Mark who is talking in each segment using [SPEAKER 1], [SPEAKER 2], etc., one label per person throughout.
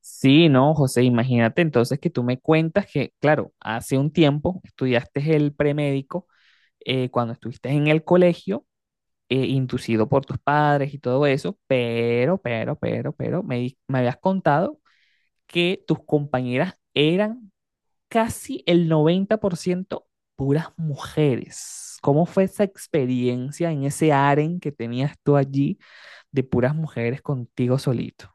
[SPEAKER 1] Sí, no, José, imagínate entonces que tú me cuentas que, claro, hace un tiempo estudiaste el premédico cuando estuviste en el colegio, inducido por tus padres y todo eso, me habías contado que tus compañeras eran casi el 90% puras mujeres. ¿Cómo fue esa experiencia en ese aren que tenías tú allí? De puras mujeres contigo solito.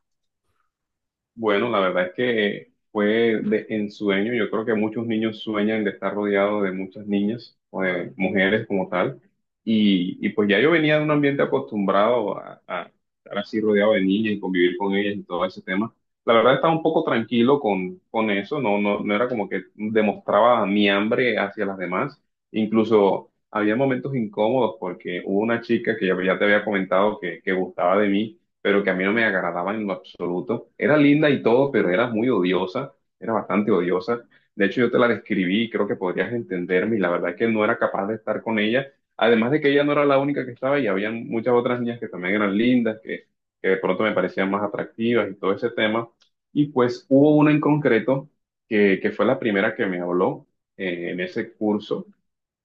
[SPEAKER 2] Bueno, la verdad es que fue de ensueño. Yo creo que muchos niños sueñan de estar rodeados de muchas niñas o de mujeres como tal. Y pues ya yo venía de un ambiente acostumbrado a estar así rodeado de niñas y convivir con ellas y todo ese tema. La verdad estaba un poco tranquilo con eso. No, no, no era como que demostraba mi hambre hacia las demás. Incluso había momentos incómodos porque hubo una chica que ya, ya te había comentado que gustaba de mí, pero que a mí no me agradaba en lo absoluto. Era linda y todo, pero era muy odiosa, era bastante odiosa. De hecho, yo te la describí y creo que podrías entenderme, y la verdad es que no era capaz de estar con ella. Además de que ella no era la única que estaba y había muchas otras niñas que también eran lindas, que de pronto me parecían más atractivas y todo ese tema. Y pues hubo una en concreto que fue la primera que me habló en ese curso,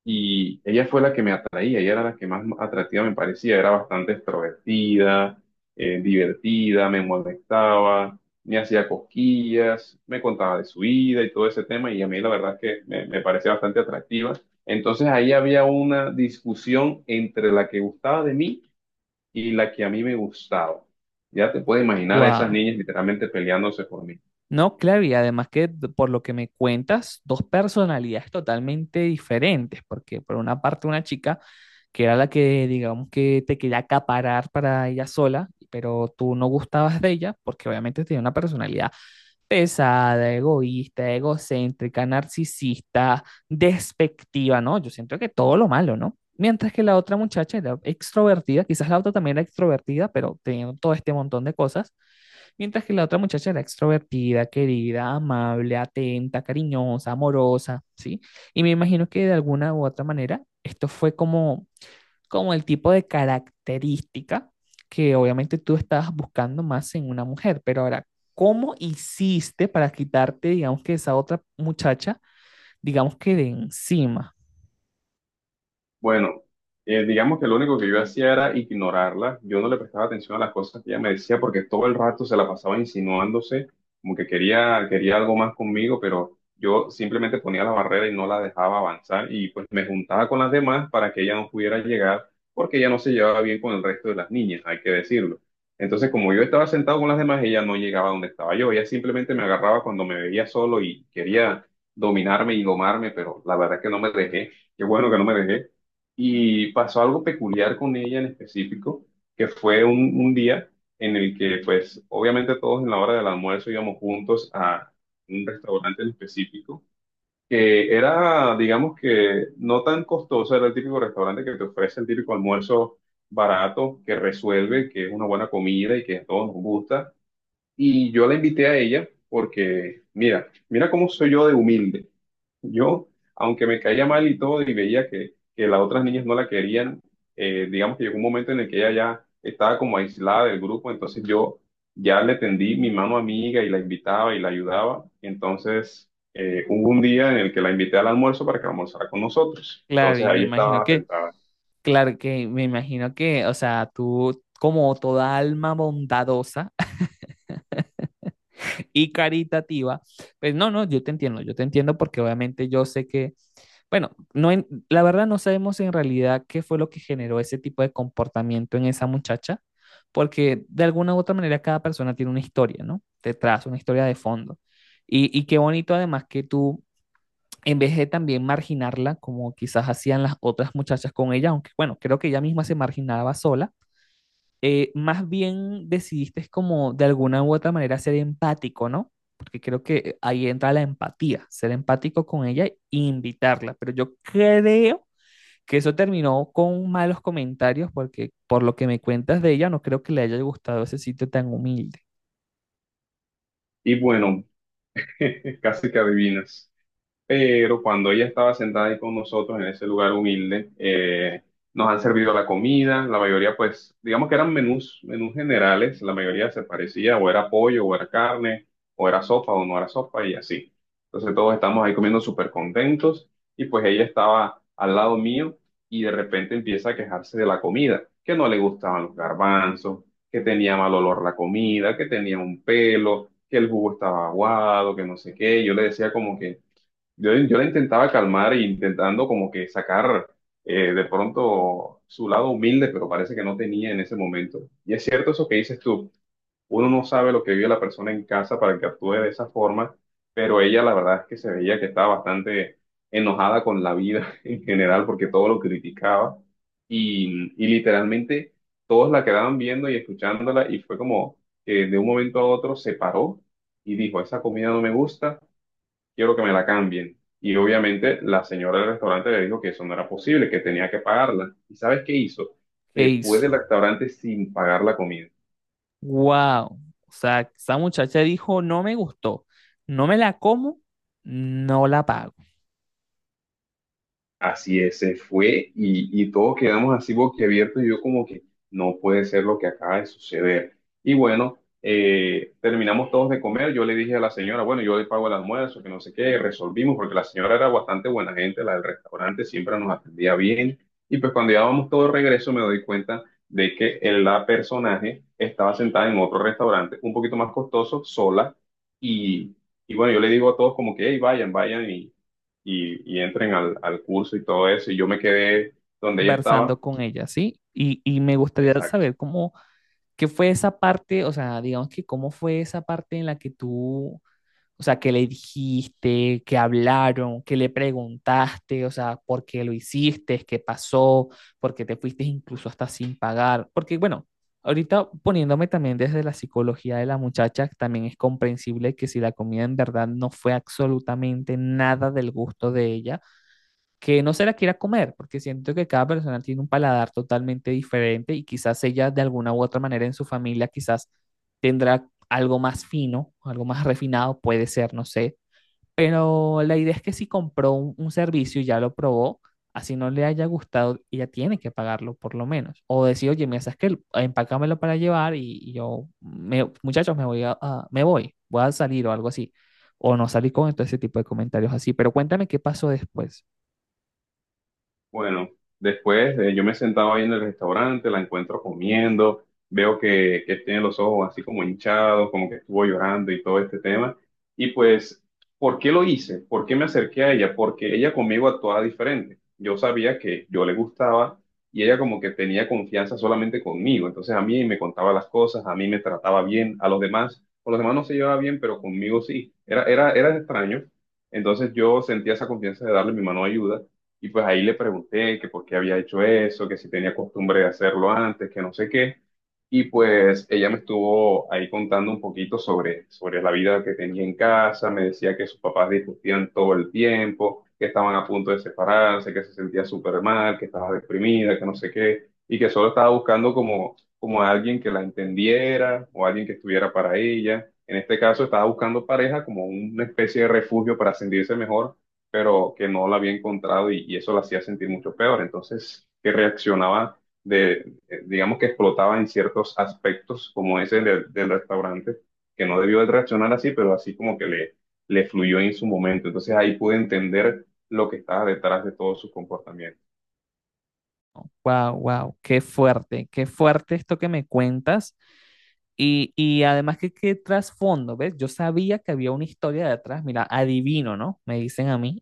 [SPEAKER 2] y ella fue la que me atraía, ella era la que más atractiva me parecía, era bastante extrovertida, divertida, me molestaba, me hacía cosquillas, me contaba de su vida y todo ese tema, y a mí la verdad es que me parecía bastante atractiva. Entonces ahí había una discusión entre la que gustaba de mí y la que a mí me gustaba. Ya te puedes imaginar a esas
[SPEAKER 1] Wow.
[SPEAKER 2] niñas literalmente peleándose por mí.
[SPEAKER 1] No, claro, y además que por lo que me cuentas, dos personalidades totalmente diferentes, porque por una parte una chica que era la que, digamos que te quería acaparar para ella sola, pero tú no gustabas de ella, porque obviamente tenía una personalidad pesada, egoísta, egocéntrica, narcisista, despectiva, ¿no? Yo siento que todo lo malo, ¿no? Mientras que la otra muchacha era extrovertida, quizás la otra también era extrovertida, pero teniendo todo este montón de cosas. Mientras que la otra muchacha era extrovertida, querida, amable, atenta, cariñosa, amorosa, ¿sí? Y me imagino que de alguna u otra manera esto fue como como el tipo de característica que obviamente tú estabas buscando más en una mujer, pero ahora, ¿cómo hiciste para quitarte, digamos que esa otra muchacha, digamos que de encima?
[SPEAKER 2] Bueno, digamos que lo único que yo hacía era ignorarla. Yo no le prestaba atención a las cosas que ella me decía porque todo el rato se la pasaba insinuándose, como que quería algo más conmigo, pero yo simplemente ponía la barrera y no la dejaba avanzar, y pues me juntaba con las demás para que ella no pudiera llegar porque ella no se llevaba bien con el resto de las niñas, hay que decirlo. Entonces, como yo estaba sentado con las demás, ella no llegaba donde estaba yo. Ella simplemente me agarraba cuando me veía solo y quería dominarme y domarme, pero la verdad es que no me dejé. Qué bueno que no me dejé. Y pasó algo peculiar con ella en específico, que fue un día en el que, pues, obviamente todos en la hora del almuerzo íbamos juntos a un restaurante en específico, que era, digamos que, no tan costoso, era el típico restaurante que te ofrece el típico almuerzo barato, que resuelve, que es una buena comida y que a todos nos gusta. Y yo la invité a ella porque, mira, mira cómo soy yo de humilde. Yo, aunque me caía mal y todo, y veía que las otras niñas no la querían, digamos que llegó un momento en el que ella ya estaba como aislada del grupo, entonces yo ya le tendí mi mano amiga y la invitaba y la ayudaba. Entonces, hubo un día en el que la invité al almuerzo para que almorzara con nosotros.
[SPEAKER 1] Claro,
[SPEAKER 2] Entonces
[SPEAKER 1] y me
[SPEAKER 2] ahí
[SPEAKER 1] imagino
[SPEAKER 2] estaba
[SPEAKER 1] que,
[SPEAKER 2] sentada.
[SPEAKER 1] claro, que me imagino que, o sea, tú como toda alma bondadosa y caritativa, pues no, no, yo te entiendo porque obviamente yo sé que bueno, la verdad no sabemos en realidad qué fue lo que generó ese tipo de comportamiento en esa muchacha, porque de alguna u otra manera cada persona tiene una historia, ¿no? Detrás, una historia de fondo. Y qué bonito además que tú, en vez de también marginarla, como quizás hacían las otras muchachas con ella, aunque bueno, creo que ella misma se marginaba sola, más bien decidiste como de alguna u otra manera ser empático, ¿no? Porque creo que ahí entra la empatía, ser empático con ella e invitarla. Pero yo creo que eso terminó con malos comentarios porque por lo que me cuentas de ella, no creo que le haya gustado ese sitio tan humilde.
[SPEAKER 2] Y bueno, casi que adivinas. Pero cuando ella estaba sentada ahí con nosotros en ese lugar humilde, nos han servido la comida, la mayoría pues, digamos que eran menús, menús generales, la mayoría se parecía, o era pollo, o era carne, o era sopa, o no era sopa, y así. Entonces todos estamos ahí comiendo súper contentos, y pues ella estaba al lado mío, y de repente empieza a quejarse de la comida, que no le gustaban los garbanzos, que tenía mal olor la comida, que tenía un pelo, que el jugo estaba aguado, que no sé qué, yo le decía como que... yo la intentaba calmar e intentando como que sacar de pronto su lado humilde, pero parece que no tenía en ese momento. Y es cierto eso que dices tú, uno no sabe lo que vive la persona en casa para que actúe de esa forma, pero ella la verdad es que se veía que estaba bastante enojada con la vida en general porque todo lo criticaba y literalmente todos la quedaban viendo y escuchándola, y fue como que de un momento a otro se paró y dijo, esa comida no me gusta, quiero que me la cambien. Y obviamente la señora del restaurante le dijo que eso no era posible, que tenía que pagarla. ¿Y sabes qué hizo?
[SPEAKER 1] ¿Qué
[SPEAKER 2] Se fue
[SPEAKER 1] hizo?
[SPEAKER 2] del restaurante sin pagar la comida.
[SPEAKER 1] ¡Wow! O sea, esa muchacha dijo, no me gustó, no me la como, no la pago.
[SPEAKER 2] Así es, se fue y todos quedamos así boquiabiertos y yo como que no puede ser lo que acaba de suceder. Y bueno, terminamos todos de comer, yo le dije a la señora, bueno, yo le pago el almuerzo, que no sé qué, resolvimos porque la señora era bastante buena gente, la del restaurante siempre nos atendía bien. Y pues cuando ya vamos todos de regreso me doy cuenta de que la personaje estaba sentada en otro restaurante un poquito más costoso, sola, y, y bueno, yo le digo a todos como que, hey, vayan, vayan y entren al curso y todo eso. Y yo me quedé donde ella estaba,
[SPEAKER 1] Conversando con ella, ¿sí? Y me gustaría
[SPEAKER 2] exacto.
[SPEAKER 1] saber cómo ¿qué fue esa parte? O sea, digamos que cómo fue esa parte en la que tú, o sea, que le dijiste, que hablaron, que le preguntaste, o sea, por qué lo hiciste, qué pasó, por qué te fuiste incluso hasta sin pagar. Porque, bueno, ahorita poniéndome también desde la psicología de la muchacha, también es comprensible que si la comida en verdad no fue absolutamente nada del gusto de ella que no se la quiera comer, porque siento que cada persona tiene un paladar totalmente diferente y quizás ella de alguna u otra manera en su familia quizás tendrá algo más fino, algo más refinado, puede ser, no sé, pero la idea es que si compró un servicio y ya lo probó, así no le haya gustado, ella tiene que pagarlo por lo menos, o decir, oye, mira, sabes que empácamelo para llevar y yo, muchachos, me voy, voy a salir o algo así, o no salir con todo ese tipo de comentarios así, pero cuéntame qué pasó después.
[SPEAKER 2] Bueno, después yo me sentaba ahí en el restaurante, la encuentro comiendo, veo que tiene los ojos así como hinchados, como que estuvo llorando y todo este tema. Y pues, ¿por qué lo hice? ¿Por qué me acerqué a ella? Porque ella conmigo actuaba diferente. Yo sabía que yo le gustaba y ella como que tenía confianza solamente conmigo. Entonces a mí me contaba las cosas, a mí me trataba bien, a los demás, con los demás no se llevaba bien, pero conmigo sí. Era extraño. Entonces yo sentía esa confianza de darle mi mano de ayuda. Y pues ahí le pregunté que por qué había hecho eso, que si tenía costumbre de hacerlo antes, que no sé qué. Y pues ella me estuvo ahí contando un poquito sobre la vida que tenía en casa, me decía que sus papás discutían todo el tiempo, que estaban a punto de separarse, que se sentía súper mal, que estaba deprimida, que no sé qué, y que solo estaba buscando como, como a alguien que la entendiera o alguien que estuviera para ella. En este caso estaba buscando pareja como una especie de refugio para sentirse mejor, pero que no la había encontrado y eso la hacía sentir mucho peor. Entonces, que reaccionaba de, digamos que explotaba en ciertos aspectos, como ese del restaurante, que no debió de reaccionar así, pero así como que le fluyó en su momento. Entonces, ahí pude entender lo que estaba detrás de todos sus comportamientos.
[SPEAKER 1] Wow, wow, qué fuerte esto que me cuentas. Y además que qué trasfondo, ¿ves? Yo sabía que había una historia detrás, mira, adivino, ¿no? Me dicen a mí,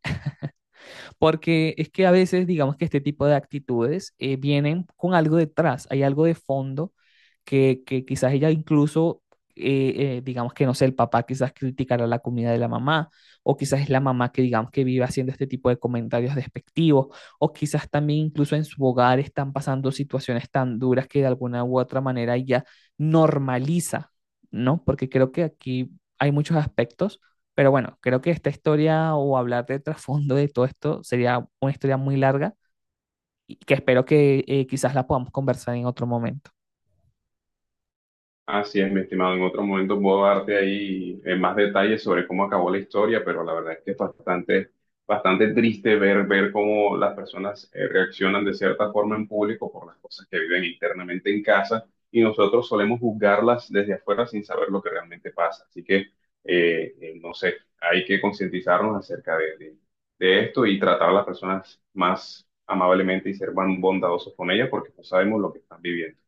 [SPEAKER 1] porque es que a veces, digamos que este tipo de actitudes vienen con algo detrás, hay algo de fondo que quizás ella incluso, digamos que no sé, el papá quizás criticará la comida de la mamá, o quizás es la mamá que digamos que vive haciendo este tipo de comentarios despectivos, o quizás también incluso en su hogar están pasando situaciones tan duras que de alguna u otra manera ella normaliza, ¿no? Porque creo que aquí hay muchos aspectos, pero bueno, creo que esta historia o hablar de trasfondo de todo esto sería una historia muy larga y que espero que quizás la podamos conversar en otro momento.
[SPEAKER 2] Así es, mi estimado. En otro momento puedo darte ahí más detalles sobre cómo acabó la historia, pero la verdad es que es bastante, bastante triste ver, ver cómo las personas reaccionan de cierta forma en público por las cosas que viven internamente en casa y nosotros solemos juzgarlas desde afuera sin saber lo que realmente pasa. Así que, no sé, hay que concientizarnos acerca de esto y tratar a las personas más amablemente y ser más bondadosos con ellas porque no sabemos lo que están viviendo.